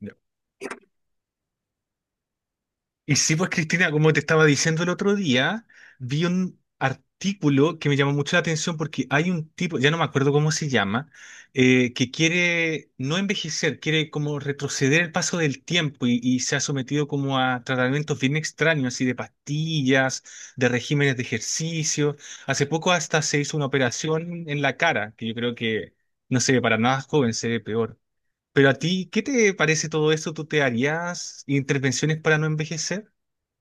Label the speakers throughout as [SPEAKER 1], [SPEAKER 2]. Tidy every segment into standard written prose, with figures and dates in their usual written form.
[SPEAKER 1] Ya. Y sí, pues Cristina, como te estaba diciendo el otro día, vi un artículo que me llamó mucho la atención porque hay un tipo, ya no me acuerdo cómo se llama, que quiere no envejecer, quiere como retroceder el paso del tiempo y se ha sometido como a tratamientos bien extraños, así de pastillas, de regímenes de ejercicio. Hace poco hasta se hizo una operación en la cara, que yo creo que no se ve para nada joven, se ve peor. Pero a ti, ¿qué te parece todo eso? ¿Tú te harías intervenciones para no envejecer?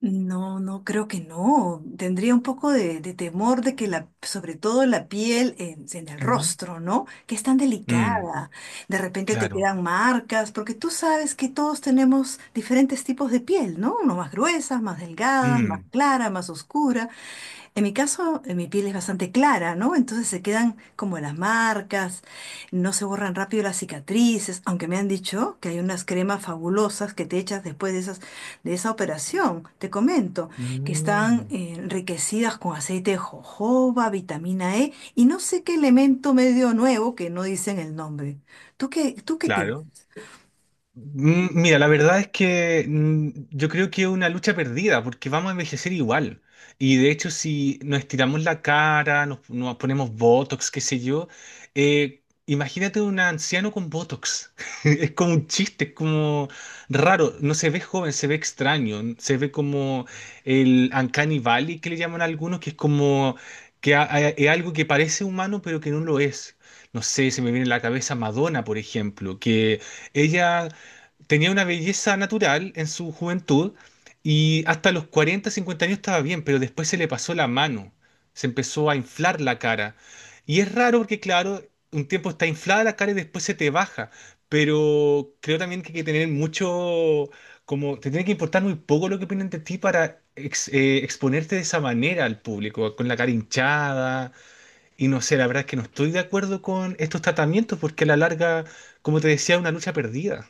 [SPEAKER 2] No, no, creo que no. Tendría un poco de temor de que sobre todo la piel en el
[SPEAKER 1] Ujú.
[SPEAKER 2] rostro, ¿no? Que es tan
[SPEAKER 1] Mm,
[SPEAKER 2] delicada. De repente te
[SPEAKER 1] claro.
[SPEAKER 2] quedan marcas, porque tú sabes que todos tenemos diferentes tipos de piel, ¿no? Unos más gruesas, más delgadas, más
[SPEAKER 1] Mm,
[SPEAKER 2] clara, más oscura. En mi caso, mi piel es bastante clara, ¿no? Entonces se quedan como las marcas, no se borran rápido las cicatrices, aunque me han dicho que hay unas cremas fabulosas que te echas después de de esa operación, te comento, que están
[SPEAKER 1] mm,
[SPEAKER 2] enriquecidas con aceite de jojoba, vitamina E y no sé qué elemento medio nuevo que no dicen el nombre. Tú qué piensas?
[SPEAKER 1] claro. Mm, mira, la verdad es que yo creo que es una lucha perdida porque vamos a envejecer igual. Y de hecho, si nos estiramos la cara, nos ponemos Botox, qué sé yo, imagínate un anciano con Botox. Es como un chiste, es como raro. No se ve joven, se ve extraño. Se ve como el Uncanny Valley que le llaman algunos, que es como que es algo que parece humano pero que no lo es. No sé, se me viene a la cabeza Madonna, por ejemplo, que... Ella tenía una belleza natural en su juventud y hasta los 40, 50 años estaba bien, pero después se le pasó la mano, se empezó a inflar la cara. Y es raro porque, claro, un tiempo está inflada la cara y después se te baja, pero creo también que hay que tener mucho, como te tiene que importar muy poco lo que opinan de ti para exponerte de esa manera al público, con la cara hinchada. Y no sé, la verdad es que no estoy de acuerdo con estos tratamientos porque a la larga, como te decía, es una lucha perdida.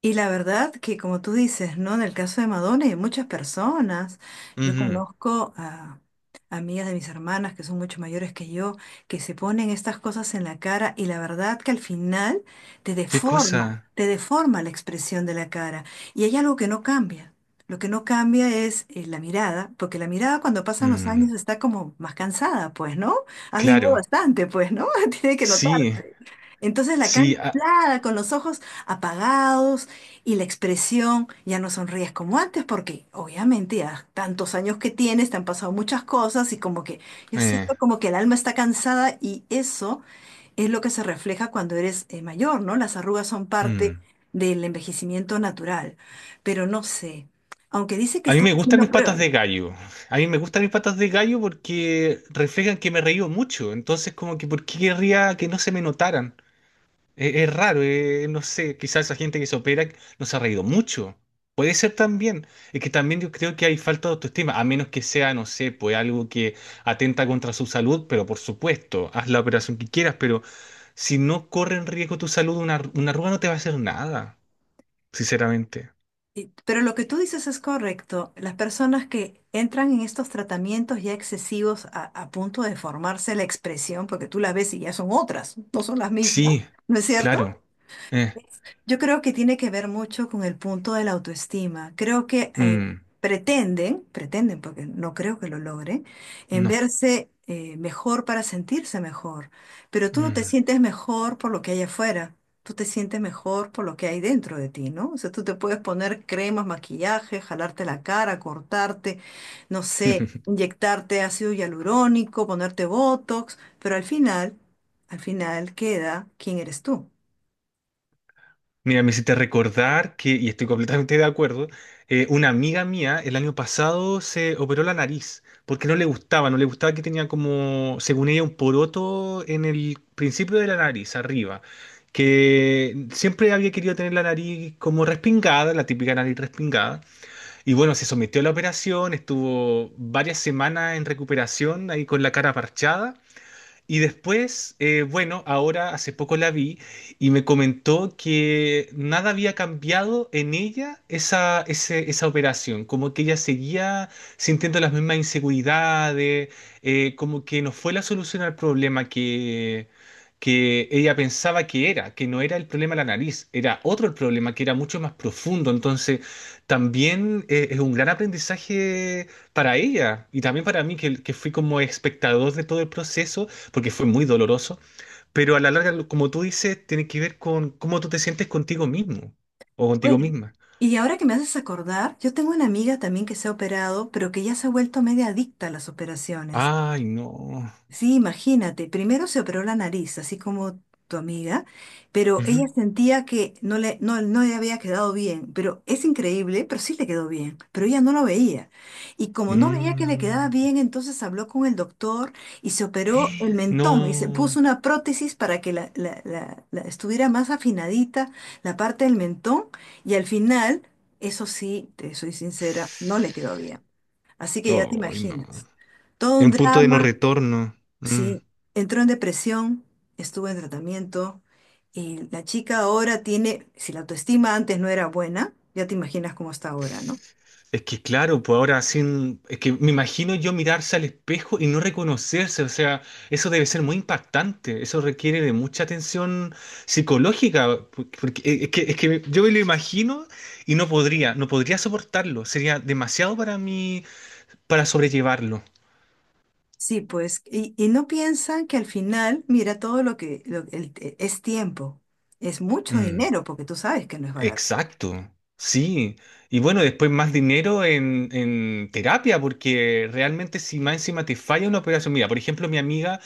[SPEAKER 2] Y la verdad que como tú dices, ¿no? En el caso de Madonna y de muchas personas, yo
[SPEAKER 1] Ujú.
[SPEAKER 2] conozco a amigas de mis hermanas que son mucho mayores que yo, que se ponen estas cosas en la cara y la verdad que al final
[SPEAKER 1] ¿Qué cosa?
[SPEAKER 2] te deforma la expresión de la cara. Y hay algo que no cambia. Lo que no cambia es la mirada, porque la mirada cuando pasan los
[SPEAKER 1] Mm,
[SPEAKER 2] años está como más cansada, pues, ¿no? Has vivido
[SPEAKER 1] claro,
[SPEAKER 2] bastante, pues, ¿no? Tiene que
[SPEAKER 1] sí,
[SPEAKER 2] notarse. Entonces la cara
[SPEAKER 1] sí. Ah,
[SPEAKER 2] inflada, con los ojos apagados y la expresión, ya no sonríes como antes, porque obviamente ya tantos años que tienes, te han pasado muchas cosas y como que yo
[SPEAKER 1] eh,
[SPEAKER 2] siento como que el alma está cansada y eso es lo que se refleja cuando eres mayor, ¿no? Las arrugas son parte
[SPEAKER 1] mm.
[SPEAKER 2] del envejecimiento natural, pero no sé, aunque dice que
[SPEAKER 1] A mí
[SPEAKER 2] están
[SPEAKER 1] me gustan
[SPEAKER 2] haciendo
[SPEAKER 1] mis patas
[SPEAKER 2] pruebas.
[SPEAKER 1] de gallo. A mí me gustan mis patas de gallo porque reflejan que me reío mucho. Entonces, como que, ¿por qué querría que no se me notaran? Es raro, no sé, quizás esa gente que se opera no se ha reído mucho. Puede ser también. Es que también yo creo que hay falta de autoestima, a menos que sea, no sé, pues algo que atenta contra su salud, pero por supuesto, haz la operación que quieras, pero si no corre en riesgo tu salud, una arruga no te va a hacer nada, sinceramente.
[SPEAKER 2] Pero lo que tú dices es correcto. Las personas que entran en estos tratamientos ya excesivos a punto de formarse la expresión, porque tú la ves y ya son otras, no son las mismas,
[SPEAKER 1] Sí,
[SPEAKER 2] ¿no es
[SPEAKER 1] claro.
[SPEAKER 2] cierto?
[SPEAKER 1] Eh,
[SPEAKER 2] Yo creo que tiene que ver mucho con el punto de la autoestima. Creo que
[SPEAKER 1] mm,
[SPEAKER 2] pretenden, porque no creo que lo logren, en
[SPEAKER 1] no.
[SPEAKER 2] verse mejor para sentirse mejor. Pero tú no te
[SPEAKER 1] Mm.
[SPEAKER 2] sientes mejor por lo que hay afuera. Tú te sientes mejor por lo que hay dentro de ti, ¿no? O sea, tú te puedes poner cremas, maquillaje, jalarte la cara, cortarte, no sé, inyectarte ácido hialurónico, ponerte botox, pero al final queda quién eres tú.
[SPEAKER 1] Mira, me hiciste recordar que, y estoy completamente de acuerdo, una amiga mía el año pasado se operó la nariz porque no le gustaba, no le gustaba que tenía como, según ella, un poroto en el principio de la nariz, arriba, que siempre había querido tener la nariz como respingada, la típica nariz respingada. Y bueno, se sometió a la operación, estuvo varias semanas en recuperación ahí con la cara parchada. Y después, bueno, ahora hace poco la vi y me comentó que nada había cambiado en ella esa operación, como que ella seguía sintiendo las mismas inseguridades, como que no fue la solución al problema que ella pensaba que era, que no era el problema de la nariz, era otro el problema que era mucho más profundo. Entonces, también es un gran aprendizaje para ella y también para mí, que fui como espectador de todo el proceso porque fue muy doloroso, pero a la larga, como tú dices, tiene que ver con cómo tú te sientes contigo mismo o contigo
[SPEAKER 2] Bueno,
[SPEAKER 1] misma.
[SPEAKER 2] y ahora que me haces acordar, yo tengo una amiga también que se ha operado, pero que ya se ha vuelto media adicta a las operaciones.
[SPEAKER 1] Ay, no.
[SPEAKER 2] Sí, imagínate, primero se operó la nariz, así como tu amiga, pero ella
[SPEAKER 1] Ujú.
[SPEAKER 2] sentía que no le había quedado bien, pero es increíble, pero sí le quedó bien, pero ella no lo veía. Y como no veía que le quedaba
[SPEAKER 1] Mm,
[SPEAKER 2] bien, entonces habló con el doctor y se operó el mentón y se puso
[SPEAKER 1] no.
[SPEAKER 2] una prótesis para que estuviera más afinadita la parte del mentón y al final, eso sí, te soy sincera, no le quedó bien. Así que ya te
[SPEAKER 1] Ay, no.
[SPEAKER 2] imaginas, todo
[SPEAKER 1] En
[SPEAKER 2] un
[SPEAKER 1] un punto de no
[SPEAKER 2] drama.
[SPEAKER 1] retorno. Mm.
[SPEAKER 2] Sí, entró en depresión, estuvo en tratamiento y la chica ahora tiene, si la autoestima antes no era buena, ya te imaginas cómo está ahora, ¿no?
[SPEAKER 1] Es que claro, pues ahora sin, es que me imagino yo mirarse al espejo y no reconocerse, o sea, eso debe ser muy impactante, eso requiere de mucha atención psicológica, porque es que yo me lo imagino y no podría, no podría soportarlo, sería demasiado para mí para sobrellevarlo.
[SPEAKER 2] Sí, pues, y no piensan que al final, mira, todo lo que es tiempo, es mucho
[SPEAKER 1] Mm,
[SPEAKER 2] dinero, porque tú sabes que no es barato.
[SPEAKER 1] exacto, sí. Y bueno, después más dinero en terapia, porque realmente si más encima te falla una operación, mira, por ejemplo, mi amiga...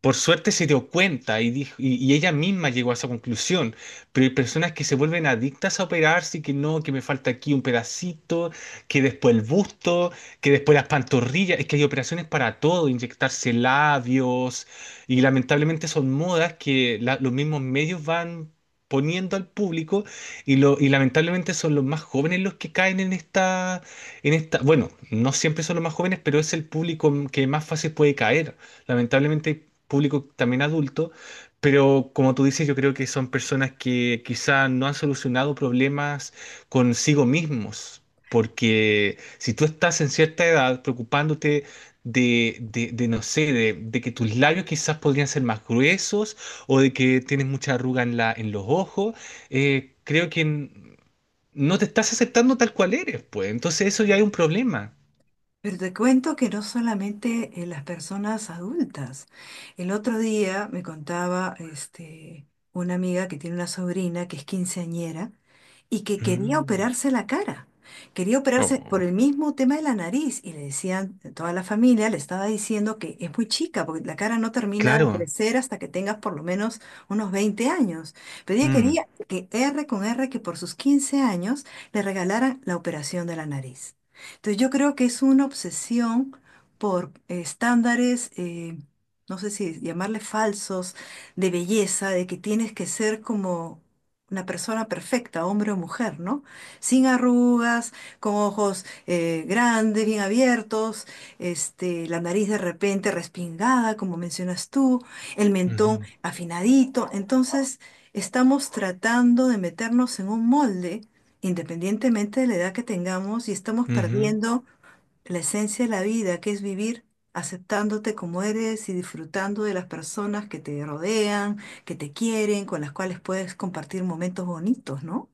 [SPEAKER 1] Por suerte se dio cuenta y, dijo, y ella misma llegó a esa conclusión, pero hay personas que se vuelven adictas a operarse y que no, que me falta aquí un pedacito, que después el busto, que después las pantorrillas, es que hay operaciones para todo, inyectarse labios y lamentablemente son modas que los mismos medios van poniendo al público y, lo, y lamentablemente son los más jóvenes los que caen en esta, bueno, no siempre son los más jóvenes, pero es el público que más fácil puede caer. Lamentablemente hay público también adulto, pero como tú dices, yo creo que son personas que quizá no han solucionado problemas consigo mismos, porque si tú estás en cierta edad preocupándote de, no sé, de que tus labios quizás podrían ser más gruesos o de que tienes mucha arruga en la, en los ojos, creo que no te estás aceptando tal cual eres, pues. Entonces eso ya hay un problema.
[SPEAKER 2] Pero te cuento que no solamente las personas adultas. El otro día me contaba este, una amiga que tiene una sobrina que es quinceañera y que quería
[SPEAKER 1] Mm.
[SPEAKER 2] operarse la cara. Quería operarse por el
[SPEAKER 1] Oh,
[SPEAKER 2] mismo tema de la nariz y le decían, toda la familia le estaba diciendo que es muy chica porque la cara no termina de
[SPEAKER 1] claro.
[SPEAKER 2] crecer hasta que tengas por lo menos unos 20 años. Pero ella
[SPEAKER 1] Mm.
[SPEAKER 2] quería que R con R, que por sus 15 años le regalaran la operación de la nariz. Entonces yo creo que es una obsesión por estándares, no sé si llamarle falsos, de belleza, de que tienes que ser como una persona perfecta, hombre o mujer, ¿no? Sin arrugas, con ojos grandes, bien abiertos, este, la nariz de repente respingada, como mencionas tú, el mentón
[SPEAKER 1] Ujú.
[SPEAKER 2] afinadito. Entonces estamos tratando de meternos en un molde independientemente de la edad que tengamos, y estamos
[SPEAKER 1] Ujú.
[SPEAKER 2] perdiendo la esencia de la vida, que es vivir aceptándote como eres y disfrutando de las personas que te rodean, que te quieren, con las cuales puedes compartir momentos bonitos, ¿no?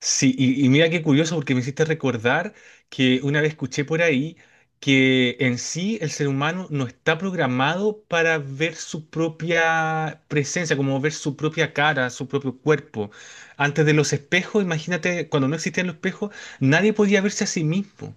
[SPEAKER 1] Sí, y mira qué curioso porque me hiciste recordar que una vez escuché por ahí que en sí el ser humano no está programado para ver su propia presencia, como ver su propia cara, su propio cuerpo. Antes de los espejos, imagínate, cuando no existían los espejos, nadie podía verse a sí mismo.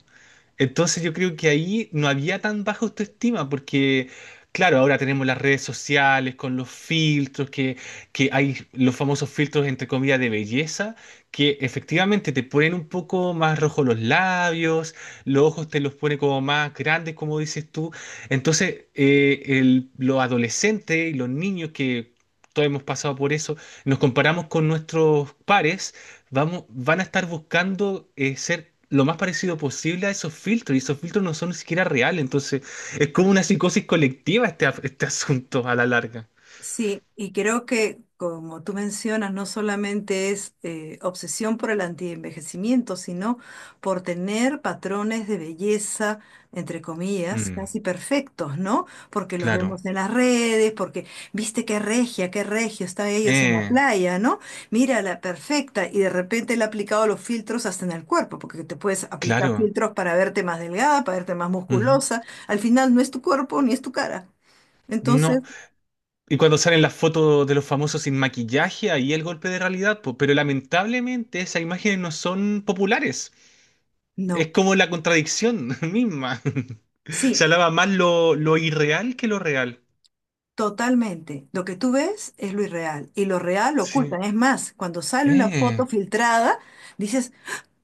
[SPEAKER 1] Entonces yo creo que ahí no había tan baja autoestima porque, claro, ahora tenemos las redes sociales con los filtros, que hay los famosos filtros entre comillas de belleza, que efectivamente te ponen un poco más rojos los labios, los ojos te los pone como más grandes, como dices tú. Entonces, los adolescentes y los niños que... Todos hemos pasado por eso, nos comparamos con nuestros pares vamos, van a estar buscando ser lo más parecido posible a esos filtros, y esos filtros no son ni siquiera reales, entonces es como una psicosis colectiva este, este asunto a la larga.
[SPEAKER 2] Sí, y creo que, como tú mencionas, no solamente es obsesión por el antienvejecimiento, sino por tener patrones de belleza, entre comillas,
[SPEAKER 1] Mm,
[SPEAKER 2] casi perfectos, ¿no? Porque los
[SPEAKER 1] claro,
[SPEAKER 2] vemos en las redes, porque, viste qué regia, qué regio están ellos en la
[SPEAKER 1] eh,
[SPEAKER 2] playa, ¿no? Mira, la perfecta, y de repente le ha aplicado los filtros hasta en el cuerpo, porque te puedes aplicar
[SPEAKER 1] claro.
[SPEAKER 2] filtros para verte más delgada, para verte más
[SPEAKER 1] Ujú.
[SPEAKER 2] musculosa. Al final no es tu cuerpo ni es tu cara. Entonces,
[SPEAKER 1] No, y cuando salen las fotos de los famosos sin maquillaje, ahí el golpe de realidad, po, pero lamentablemente esas imágenes no son populares. Es
[SPEAKER 2] no.
[SPEAKER 1] como la contradicción misma. Se
[SPEAKER 2] Sí,
[SPEAKER 1] alaba más lo irreal que lo real.
[SPEAKER 2] totalmente. Lo que tú ves es lo irreal y lo real lo
[SPEAKER 1] Sí.
[SPEAKER 2] ocultan. Es más, cuando sale una foto
[SPEAKER 1] Eh,
[SPEAKER 2] filtrada, dices,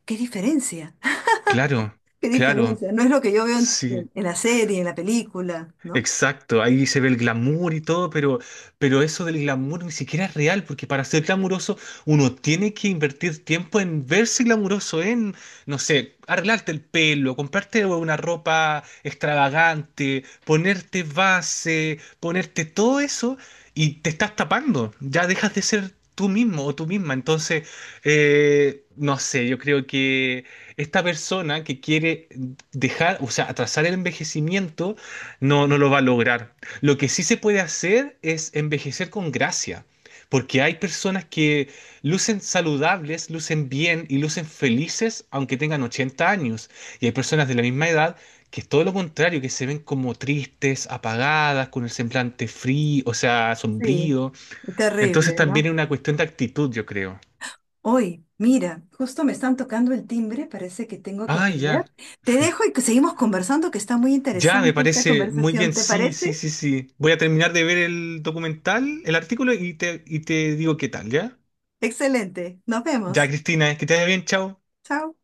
[SPEAKER 2] ¿qué diferencia?
[SPEAKER 1] claro,
[SPEAKER 2] ¿Qué
[SPEAKER 1] claro,
[SPEAKER 2] diferencia? No es lo que yo veo
[SPEAKER 1] sí.
[SPEAKER 2] la serie, en la película, ¿no?
[SPEAKER 1] Exacto, ahí se ve el glamour y todo, pero eso del glamour ni siquiera es real, porque para ser glamuroso uno tiene que invertir tiempo en verse glamuroso, en, no sé, arreglarte el pelo, comprarte una ropa extravagante, ponerte base, ponerte todo eso y te estás tapando, ya dejas de ser tú mismo o tú misma. Entonces, no sé, yo creo que esta persona que quiere dejar, o sea, atrasar el envejecimiento, no, no lo va a lograr. Lo que sí se puede hacer es envejecer con gracia, porque hay personas que lucen saludables, lucen bien y lucen felices aunque tengan 80 años. Y hay personas de la misma edad que es todo lo contrario, que se ven como tristes, apagadas, con el semblante frío, o sea,
[SPEAKER 2] Sí.
[SPEAKER 1] sombrío. Entonces
[SPEAKER 2] Terrible,
[SPEAKER 1] también
[SPEAKER 2] ¿no?
[SPEAKER 1] es una cuestión de actitud, yo creo.
[SPEAKER 2] Hoy, mira, justo me están tocando el timbre, parece que tengo que
[SPEAKER 1] Ah,
[SPEAKER 2] atender.
[SPEAKER 1] ya.
[SPEAKER 2] Te dejo y que seguimos conversando, que está muy
[SPEAKER 1] Ya, me
[SPEAKER 2] interesante esta
[SPEAKER 1] parece muy
[SPEAKER 2] conversación,
[SPEAKER 1] bien.
[SPEAKER 2] ¿te
[SPEAKER 1] Sí, sí,
[SPEAKER 2] parece?
[SPEAKER 1] sí, sí. Voy a terminar de ver el documental, el artículo y te digo qué tal, ¿ya?
[SPEAKER 2] Excelente. Nos
[SPEAKER 1] Ya,
[SPEAKER 2] vemos.
[SPEAKER 1] Cristina, que te vaya bien, chao.
[SPEAKER 2] Chao.